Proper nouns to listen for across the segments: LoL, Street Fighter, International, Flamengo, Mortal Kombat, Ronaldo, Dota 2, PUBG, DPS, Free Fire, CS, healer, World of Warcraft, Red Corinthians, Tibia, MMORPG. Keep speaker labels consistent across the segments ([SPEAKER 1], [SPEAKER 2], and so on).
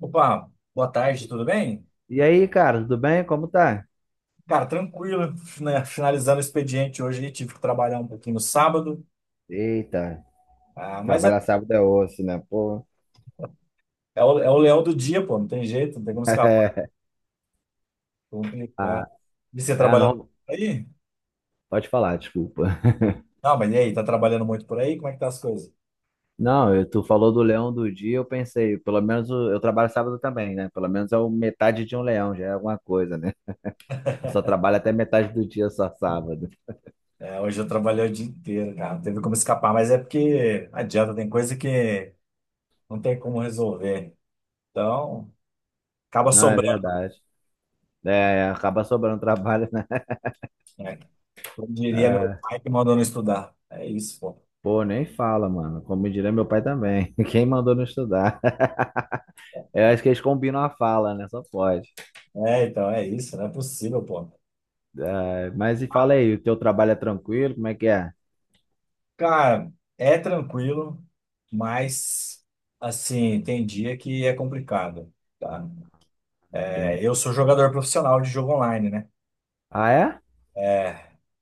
[SPEAKER 1] Opa, boa tarde, tudo bem?
[SPEAKER 2] E aí, cara, tudo bem? Como tá?
[SPEAKER 1] Cara, tranquilo, né? Finalizando o expediente hoje, tive que trabalhar um pouquinho no sábado,
[SPEAKER 2] Eita,
[SPEAKER 1] ah, mas é,
[SPEAKER 2] trabalhar sábado é osso, né? Pô.
[SPEAKER 1] é o leão do dia, pô, não tem jeito, não tem como escapar, complicado. E você
[SPEAKER 2] É é,
[SPEAKER 1] trabalhando
[SPEAKER 2] não,
[SPEAKER 1] por aí?
[SPEAKER 2] pode falar, desculpa.
[SPEAKER 1] Não, mas e aí, tá trabalhando muito por aí? Como é que tá as coisas?
[SPEAKER 2] Não, tu falou do leão do dia, eu pensei, pelo menos eu trabalho sábado também, né? Pelo menos é o metade de um leão, já é alguma coisa, né? Eu só trabalho até metade do dia, só sábado.
[SPEAKER 1] É, hoje eu trabalhei o dia inteiro, cara, não teve como escapar, mas é porque não adianta, tem coisa que não tem como resolver, então acaba
[SPEAKER 2] Não, é
[SPEAKER 1] sobrando,
[SPEAKER 2] verdade. É, acaba sobrando trabalho, né?
[SPEAKER 1] né? Como diria meu
[SPEAKER 2] Ah,
[SPEAKER 1] pai que mandou não estudar, é isso, pô.
[SPEAKER 2] pô, nem fala, mano. Como diria meu pai também. Quem mandou não estudar? Eu acho que eles combinam a fala, né? Só pode.
[SPEAKER 1] É, então, é isso, não é possível, pô.
[SPEAKER 2] Ah, mas e fala
[SPEAKER 1] Ah,
[SPEAKER 2] aí, o teu trabalho é tranquilo? Como é que é?
[SPEAKER 1] cara, é tranquilo, mas, assim, tem dia que é complicado, tá?
[SPEAKER 2] Entendi.
[SPEAKER 1] É, eu sou jogador profissional de jogo online, né?
[SPEAKER 2] Ah, é?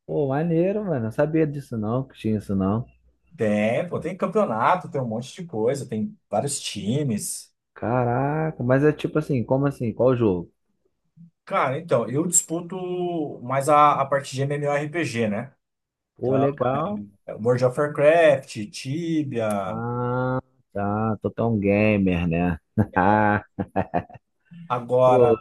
[SPEAKER 2] Pô, maneiro, mano. Não sabia disso não, que tinha isso não.
[SPEAKER 1] Tem, pô, tem campeonato, tem um monte de coisa, tem vários times.
[SPEAKER 2] Caraca, mas é tipo assim, como assim? Qual o jogo?
[SPEAKER 1] Cara, então, eu disputo mais a parte de MMORPG, né?
[SPEAKER 2] Pô,
[SPEAKER 1] Então,
[SPEAKER 2] legal.
[SPEAKER 1] World of Warcraft, Tibia,
[SPEAKER 2] Ah, tá. Tô tão gamer, né?
[SPEAKER 1] agora...
[SPEAKER 2] Pô,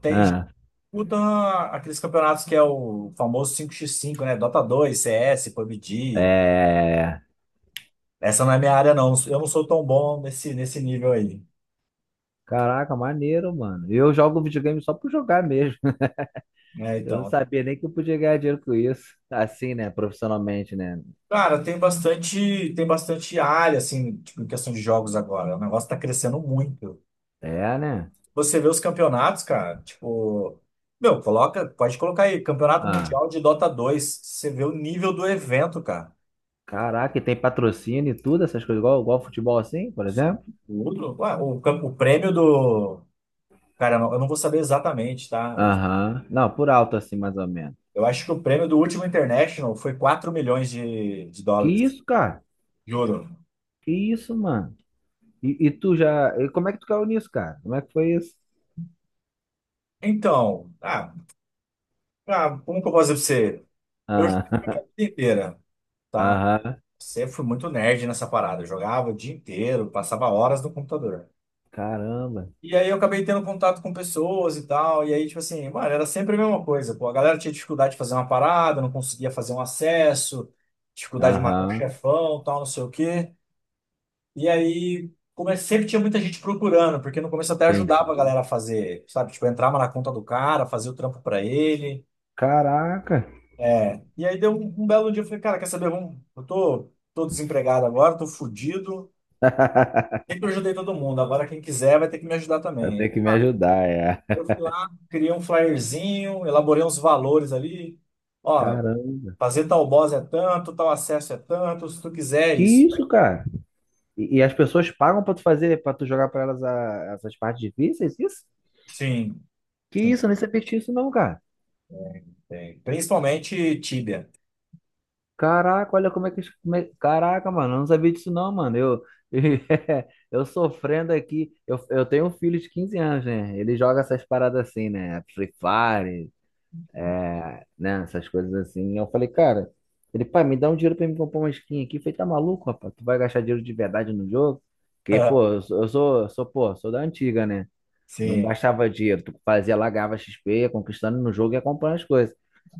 [SPEAKER 1] tem
[SPEAKER 2] ah,
[SPEAKER 1] o da, aqueles campeonatos que é o famoso 5x5, né? Dota 2, CS, PUBG.
[SPEAKER 2] é.
[SPEAKER 1] Essa não é minha área, não. Eu não sou tão bom nesse nível aí,
[SPEAKER 2] Caraca, maneiro, mano. Eu jogo videogame só por jogar mesmo.
[SPEAKER 1] né?
[SPEAKER 2] Eu não
[SPEAKER 1] Então,
[SPEAKER 2] sabia nem que eu podia ganhar dinheiro com isso. Assim, né? Profissionalmente, né?
[SPEAKER 1] cara, tem bastante área, assim, tipo, em questão de jogos agora. O negócio tá crescendo muito.
[SPEAKER 2] É, né?
[SPEAKER 1] Você vê os campeonatos, cara, tipo, meu, coloca, pode colocar aí, Campeonato
[SPEAKER 2] Ah.
[SPEAKER 1] Mundial de Dota 2. Você vê o nível do evento, cara.
[SPEAKER 2] Caraca, e tem patrocínio e tudo, essas coisas, igual, igual futebol assim, por exemplo?
[SPEAKER 1] O outro, ué, o, o prêmio do... Cara, eu não vou saber exatamente, tá?
[SPEAKER 2] Aham. Não, por alto assim, mais ou menos.
[SPEAKER 1] Eu acho que o prêmio do último International foi 4 milhões de
[SPEAKER 2] Que
[SPEAKER 1] dólares,
[SPEAKER 2] isso, cara?
[SPEAKER 1] de ouro.
[SPEAKER 2] Que isso, mano? E tu já. E como é que tu caiu nisso, cara? Como é que foi isso?
[SPEAKER 1] Então, ah, ah, como que eu posso dizer pra você? Eu joguei a
[SPEAKER 2] Ah,
[SPEAKER 1] vida inteira, tá?
[SPEAKER 2] Aham.
[SPEAKER 1] Sempre fui muito nerd nessa parada. Eu jogava o dia inteiro, passava horas no computador.
[SPEAKER 2] Caramba.
[SPEAKER 1] E aí eu acabei tendo contato com pessoas e tal. E aí, tipo assim, mano, era sempre a mesma coisa. Pô, a galera tinha dificuldade de fazer uma parada, não conseguia fazer um acesso, dificuldade de matar um
[SPEAKER 2] Aham.
[SPEAKER 1] chefão, tal, não sei o quê. E aí, sempre tinha muita gente procurando, porque no começo eu até ajudava a
[SPEAKER 2] Entendi.
[SPEAKER 1] galera a fazer, sabe? Tipo, eu entrava na conta do cara, fazia o trampo pra ele.
[SPEAKER 2] Caraca.
[SPEAKER 1] É. E aí deu um belo dia, eu falei, cara, quer saber? Vamos, eu tô desempregado agora, tô fudido. Sempre ajudei todo mundo, agora quem quiser vai ter que me ajudar
[SPEAKER 2] Vai
[SPEAKER 1] também.
[SPEAKER 2] ter que me ajudar, é.
[SPEAKER 1] Aí eu fui lá, criei um flyerzinho, elaborei uns valores ali. Ó,
[SPEAKER 2] Caramba.
[SPEAKER 1] fazer tal boss é tanto, tal acesso é tanto, se tu quiser é
[SPEAKER 2] Que
[SPEAKER 1] isso.
[SPEAKER 2] isso, cara? E as pessoas pagam pra tu fazer, pra tu jogar pra elas essas partes difíceis, isso?
[SPEAKER 1] Sim,
[SPEAKER 2] Que
[SPEAKER 1] sim,
[SPEAKER 2] isso, eu nem sabia disso não, cara.
[SPEAKER 1] tem. Principalmente Tibia.
[SPEAKER 2] Caraca, olha como é que. Como é- Caraca, mano, eu não sabia disso não, mano. Eu, eu sofrendo aqui. Eu tenho um filho de 15 anos, né? Ele joga essas paradas assim, né? Free Fire, né? Essas coisas assim. Eu falei, cara, ele, pai, me dá um dinheiro pra me comprar uma skin aqui. Eu falei, tá maluco, rapaz? Tu vai gastar dinheiro de verdade no jogo? Porque, pô, sou da antiga, né? Não
[SPEAKER 1] Sim.
[SPEAKER 2] gastava dinheiro. Tu fazia lá, ganhava XP, ia conquistando no jogo e ia comprando as coisas.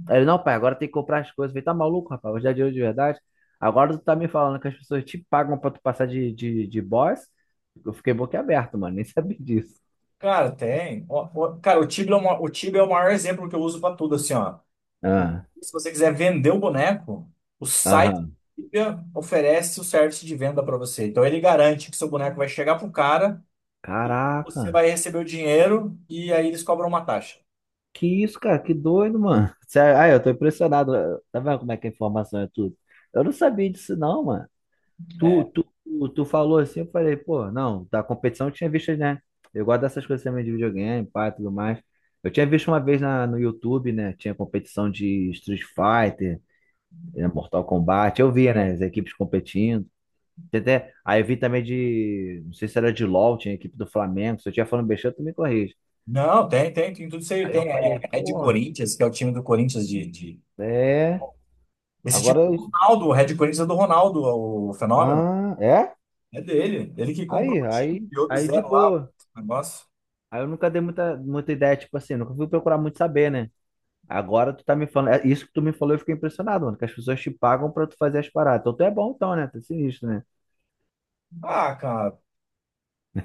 [SPEAKER 2] Aí ele, não, pai, agora tem que comprar as coisas. Eu falei, tá maluco, rapaz? Hoje é dinheiro de verdade. Agora tu tá me falando que as pessoas te pagam pra tu passar de boss? Eu fiquei boquiaberto, mano. Nem sabia disso.
[SPEAKER 1] Cara, tem. Ó, ó, cara, o Tibia é, o Tibia é o maior exemplo que eu uso pra tudo, assim, ó. O-
[SPEAKER 2] Ah,
[SPEAKER 1] Se você quiser vender o boneco, o site
[SPEAKER 2] aham.
[SPEAKER 1] do Tibia oferece o serviço de venda pra você. Então ele garante que seu boneco vai chegar pro cara, você
[SPEAKER 2] Caraca.
[SPEAKER 1] vai receber o dinheiro e aí eles cobram uma taxa.
[SPEAKER 2] Que isso, cara? Que doido, mano. Sério, Ah, eu tô impressionado. Tá vendo como é que a informação é tudo? Eu não sabia disso, não, mano. Tu,
[SPEAKER 1] É.
[SPEAKER 2] tu, tu, tu falou assim, eu falei, pô, não, da competição eu tinha visto, né? Eu gosto dessas coisas também de videogame, pá, tudo mais. Eu tinha visto uma vez no YouTube, né? Tinha competição de Street Fighter, Mortal Kombat. Eu via, né?
[SPEAKER 1] É.
[SPEAKER 2] As equipes competindo. Tem Até, aí eu vi também de, não sei se era de LoL, tinha a equipe do Flamengo. Se eu tinha falando besteira, tu me corrige.
[SPEAKER 1] Não, tem, tem, tem tudo isso aí.
[SPEAKER 2] Aí eu
[SPEAKER 1] Tem
[SPEAKER 2] falei,
[SPEAKER 1] é, Red
[SPEAKER 2] pô,
[SPEAKER 1] Corinthians, que é o time do Corinthians de...
[SPEAKER 2] é.
[SPEAKER 1] Esse
[SPEAKER 2] Agora,
[SPEAKER 1] time do Ronaldo, o Red Corinthians é do Ronaldo, o fenômeno.
[SPEAKER 2] ah, é?
[SPEAKER 1] É dele. Ele que comprou
[SPEAKER 2] Aí,
[SPEAKER 1] o time,
[SPEAKER 2] aí,
[SPEAKER 1] criou do
[SPEAKER 2] aí de
[SPEAKER 1] zero lá,
[SPEAKER 2] boa.
[SPEAKER 1] o negócio.
[SPEAKER 2] Aí eu nunca dei muita ideia, tipo assim, nunca fui procurar muito saber, né? Agora tu tá me falando, é isso que tu me falou, eu fiquei impressionado, mano, que as pessoas te pagam pra tu fazer as paradas. Então tu é bom então, né? Tu é sinistro, né?
[SPEAKER 1] Ah, cara.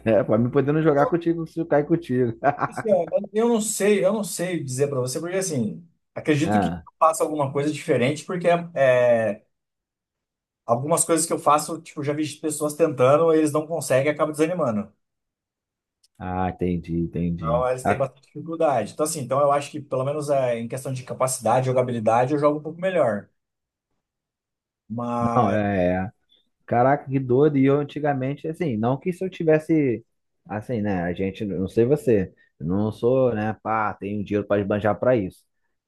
[SPEAKER 2] É, pra mim podendo jogar
[SPEAKER 1] Eu,
[SPEAKER 2] contigo se eu cair contigo.
[SPEAKER 1] Luciano, eu não sei dizer para você, porque assim, acredito que eu
[SPEAKER 2] Ah,
[SPEAKER 1] faça alguma coisa diferente, porque é, algumas coisas que eu faço, tipo, já vi pessoas tentando, eles não conseguem, e acabam desanimando.
[SPEAKER 2] ah, entendi, entendi.
[SPEAKER 1] Então, eles têm
[SPEAKER 2] Ah,
[SPEAKER 1] bastante dificuldade. Então, assim, então eu acho que, pelo menos é, em questão de capacidade, jogabilidade, eu jogo um pouco melhor.
[SPEAKER 2] não,
[SPEAKER 1] Mas,
[SPEAKER 2] é, é. Caraca, que doido. E eu antigamente, assim, não que se eu tivesse, assim, né? A gente, não sei você, eu não sou, né? Pá, tenho dinheiro pra esbanjar pra isso.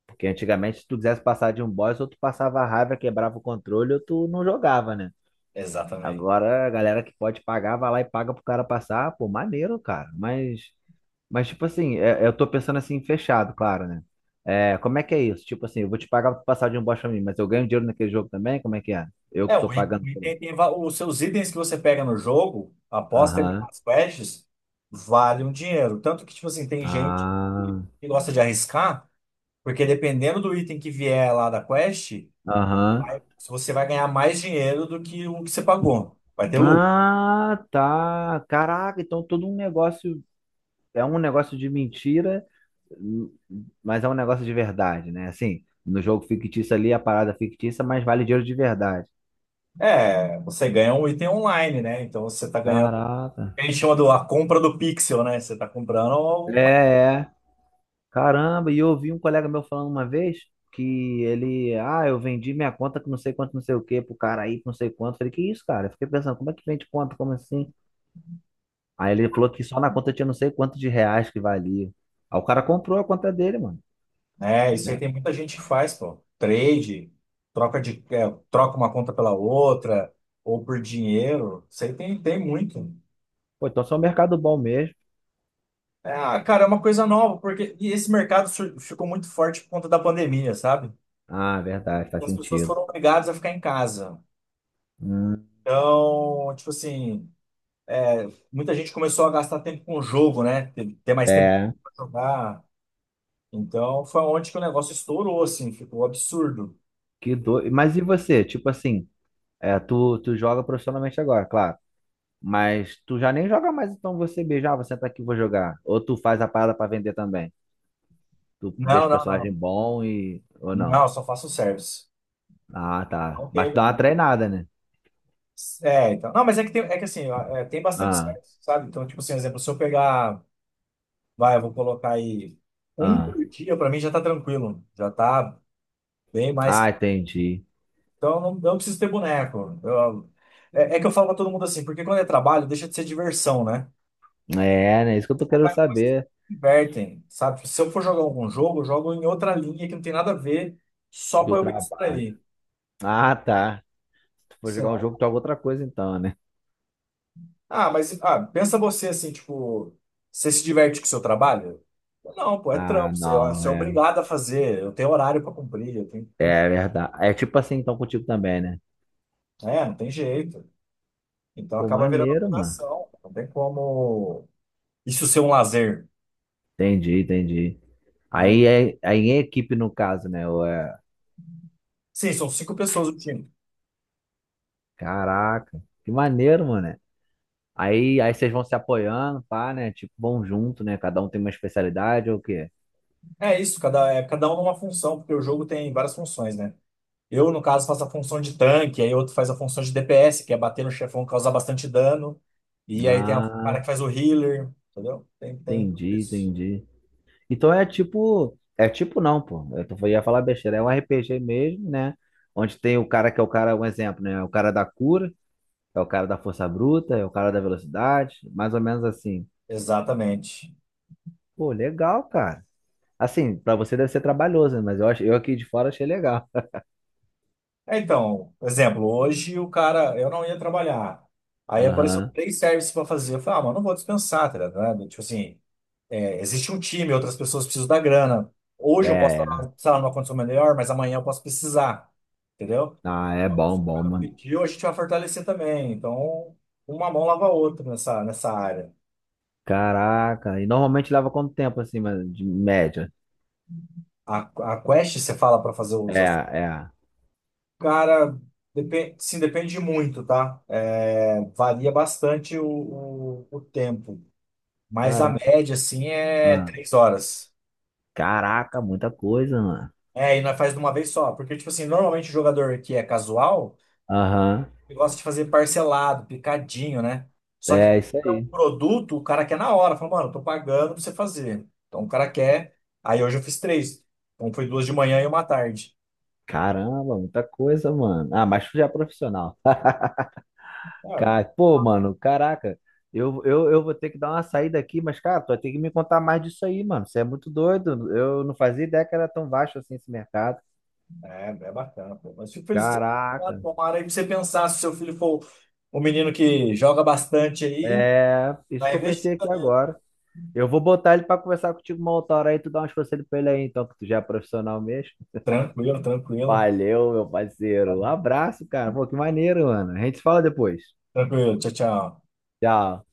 [SPEAKER 2] Porque antigamente, se tu quisesse passar de um boss, ou tu passava raiva, quebrava o controle, ou tu não jogava, né?
[SPEAKER 1] exatamente.
[SPEAKER 2] Agora a galera que pode pagar, vai lá e paga pro cara passar. Pô, maneiro, cara. Mas tipo assim, eu tô pensando assim, fechado, claro, né? É, como é que é isso? Tipo assim, eu vou te pagar pra passar de um bosta pra mim, mas eu ganho dinheiro naquele jogo também? Como é que é? Eu
[SPEAKER 1] É,
[SPEAKER 2] que tô
[SPEAKER 1] o item,
[SPEAKER 2] pagando
[SPEAKER 1] o
[SPEAKER 2] por ele.
[SPEAKER 1] item tem, os seus itens que você pega no jogo, após terminar
[SPEAKER 2] Aham.
[SPEAKER 1] as quests, valem um dinheiro. Tanto que, tipo assim, tem gente que
[SPEAKER 2] Ah,
[SPEAKER 1] que gosta de arriscar. Porque dependendo do item que vier lá da quest,
[SPEAKER 2] aham.
[SPEAKER 1] você vai ganhar mais dinheiro do que o que você pagou. Vai ter lucro.
[SPEAKER 2] Ah, tá. Caraca, então todo um negócio é um negócio de mentira, hum, mas é um negócio de verdade, né? Assim, no jogo fictício ali, a parada é fictícia, mas vale dinheiro de verdade.
[SPEAKER 1] É, você ganha um item online, né? Então você tá ganhando.
[SPEAKER 2] Caraca.
[SPEAKER 1] A gente chama do, a compra do pixel, né? Você tá comprando...
[SPEAKER 2] É,
[SPEAKER 1] uma...
[SPEAKER 2] é. Caramba, e eu ouvi um colega meu falando uma vez que ele, ah, eu vendi minha conta com não sei quanto, não sei o quê, pro cara aí, com não sei quanto. Falei, que isso, cara? Eu fiquei pensando, como é que vende conta? Como assim? Aí ele falou que só na conta tinha não sei quanto de reais que valia. Aí o cara comprou a conta dele, mano,
[SPEAKER 1] É, isso aí
[SPEAKER 2] né?
[SPEAKER 1] tem muita gente que faz, pô. Trade, troca de, é, troca uma conta pela outra, ou por dinheiro. Isso aí tem, tem muito.
[SPEAKER 2] Pô, então só é um mercado bom mesmo.
[SPEAKER 1] É, ah, cara, é uma coisa nova, porque e esse mercado ficou muito forte por conta da pandemia, sabe?
[SPEAKER 2] Ah, verdade,
[SPEAKER 1] E
[SPEAKER 2] faz
[SPEAKER 1] as pessoas
[SPEAKER 2] sentido.
[SPEAKER 1] foram obrigadas a ficar em casa.
[SPEAKER 2] Hum,
[SPEAKER 1] Então, tipo assim, é, muita gente começou a gastar tempo com o jogo, né? Ter mais tempo
[SPEAKER 2] é,
[SPEAKER 1] pra jogar. Então, foi onde que o negócio estourou, assim, ficou absurdo.
[SPEAKER 2] que doido. Mas e você? Tipo assim, é, tu joga profissionalmente agora, claro. Mas tu já nem joga mais, então você beijar, você tá aqui, vou jogar. Ou tu faz a parada pra vender também. Tu
[SPEAKER 1] Não,
[SPEAKER 2] deixa o
[SPEAKER 1] não,
[SPEAKER 2] personagem
[SPEAKER 1] não.
[SPEAKER 2] bom e. Ou
[SPEAKER 1] Não,
[SPEAKER 2] não.
[SPEAKER 1] eu só faço um service.
[SPEAKER 2] Ah, tá.
[SPEAKER 1] Não
[SPEAKER 2] Mas tu
[SPEAKER 1] teve.
[SPEAKER 2] dá uma treinada, né?
[SPEAKER 1] É, então. Não, mas é que tem, é que assim, ó, é, tem bastante
[SPEAKER 2] Ah,
[SPEAKER 1] service, sabe? Então, tipo assim, exemplo, se eu pegar, vai, eu vou colocar aí um
[SPEAKER 2] ah.
[SPEAKER 1] por dia, pra mim já tá tranquilo. Já tá bem
[SPEAKER 2] Ah,
[SPEAKER 1] mais.
[SPEAKER 2] entendi.
[SPEAKER 1] Então, eu não preciso ter boneco. Eu... é, é que eu falo pra todo mundo assim, porque quando é trabalho, deixa de ser diversão, né?
[SPEAKER 2] É, né? Isso que eu tô querendo saber
[SPEAKER 1] Divertem, sabe? Se eu for jogar algum jogo, eu jogo em outra linha que não tem nada a ver, só
[SPEAKER 2] do
[SPEAKER 1] pra eu me
[SPEAKER 2] trabalho.
[SPEAKER 1] distrair.
[SPEAKER 2] Ah, tá. Se tu for
[SPEAKER 1] Sei
[SPEAKER 2] jogar um jogo,
[SPEAKER 1] lá.
[SPEAKER 2] tu joga outra coisa então, né?
[SPEAKER 1] Ah, mas ah, pensa você assim, tipo, você se diverte com o seu trabalho? Não, pô, é
[SPEAKER 2] Ah,
[SPEAKER 1] trampo,
[SPEAKER 2] não,
[SPEAKER 1] você é
[SPEAKER 2] é.
[SPEAKER 1] obrigado a fazer, eu tenho horário pra cumprir, eu tenho, tem,
[SPEAKER 2] É verdade. É tipo assim, então, contigo também, né?
[SPEAKER 1] é, não tem jeito. Então
[SPEAKER 2] Pô,
[SPEAKER 1] acaba virando
[SPEAKER 2] maneiro, mano.
[SPEAKER 1] obrigação, não tem como isso ser um lazer.
[SPEAKER 2] Entendi, entendi.
[SPEAKER 1] Ah,
[SPEAKER 2] Aí é equipe no caso, né?
[SPEAKER 1] sim, são 5 pessoas o time.
[SPEAKER 2] Caraca, que maneiro, mano. Aí vocês vão se apoiando, pá, né? Tipo, vão junto, né? Cada um tem uma especialidade ou o quê?
[SPEAKER 1] É isso, cada, é, cada um numa função, porque o jogo tem várias funções, né? Eu, no caso, faço a função de tanque, aí outro faz a função de DPS, que é bater no chefão, causar bastante dano. E aí tem o cara
[SPEAKER 2] Ah,
[SPEAKER 1] que faz o healer, entendeu? Tem, tem
[SPEAKER 2] entendi,
[SPEAKER 1] isso.
[SPEAKER 2] entendi. Então é tipo não, pô. Eu tô, ia falar besteira, é um RPG mesmo, né? Onde tem o cara que é o cara, um exemplo, né? O cara da cura, é o cara da força bruta, é o cara da velocidade, mais ou menos assim.
[SPEAKER 1] Exatamente.
[SPEAKER 2] Pô, legal, cara. Assim, pra você deve ser trabalhoso, né? Mas eu acho, eu aqui de fora achei legal.
[SPEAKER 1] É, então, por exemplo, hoje o cara, eu não ia trabalhar. Aí apareceu
[SPEAKER 2] Aham.
[SPEAKER 1] 3 serviços para fazer. Eu falei, ah, mano, não vou dispensar, tá ligado? Tipo assim, é, existe um time, outras pessoas precisam da grana. Hoje eu posso
[SPEAKER 2] É, é.
[SPEAKER 1] estar, sei lá, numa condição melhor, mas amanhã eu posso precisar, entendeu?
[SPEAKER 2] Ah, é bom, bom,
[SPEAKER 1] Cara
[SPEAKER 2] mano.
[SPEAKER 1] pediu, a gente vai fortalecer também. Então, uma mão lava a outra nessa área.
[SPEAKER 2] Caraca, e normalmente leva quanto tempo assim, mas de média?
[SPEAKER 1] A, a quest, você fala para fazer os...
[SPEAKER 2] É, é.
[SPEAKER 1] cara, depende, sim, depende muito, tá? É, varia bastante o tempo. Mas a
[SPEAKER 2] Caramba.
[SPEAKER 1] média, assim, é
[SPEAKER 2] Ah,
[SPEAKER 1] 3 horas.
[SPEAKER 2] Caraca, muita coisa, mano.
[SPEAKER 1] É, e nós faz de uma vez só. Porque, tipo assim, normalmente o jogador que é casual.
[SPEAKER 2] Aham.
[SPEAKER 1] Ele gosta de fazer parcelado, picadinho, né? Só que
[SPEAKER 2] É isso
[SPEAKER 1] é um
[SPEAKER 2] aí.
[SPEAKER 1] produto, o cara quer na hora. Fala, mano, eu tô pagando pra você fazer. Então o cara quer. Aí hoje eu fiz três. Então foi duas de manhã e uma à tarde.
[SPEAKER 2] Caramba, muita coisa, mano. Ah, mas tu já é profissional.
[SPEAKER 1] Ah,
[SPEAKER 2] Cara, pô, mano, caraca. Eu vou ter que dar uma saída aqui, mas, cara, tu vai ter que me contar mais disso aí, mano. Você é muito doido. Eu não fazia ideia que era tão baixo assim esse mercado.
[SPEAKER 1] é, é bacana, pô. Mas fico feliz de ter pensado,
[SPEAKER 2] Caraca.
[SPEAKER 1] tomara aí pra você pensar se seu filho for um menino que joga bastante aí,
[SPEAKER 2] É, isso
[SPEAKER 1] vai
[SPEAKER 2] que eu
[SPEAKER 1] investir.
[SPEAKER 2] pensei aqui agora. Eu vou botar ele pra conversar contigo uma outra hora aí, tu dá umas conselhos pra ele aí, então, que tu já é profissional mesmo.
[SPEAKER 1] Tranquilo, tranquilo.
[SPEAKER 2] Valeu, meu parceiro. Um abraço, cara. Pô, que maneiro, mano. A gente se fala depois.
[SPEAKER 1] Tranquilo, tchau, tchau.
[SPEAKER 2] Tchau.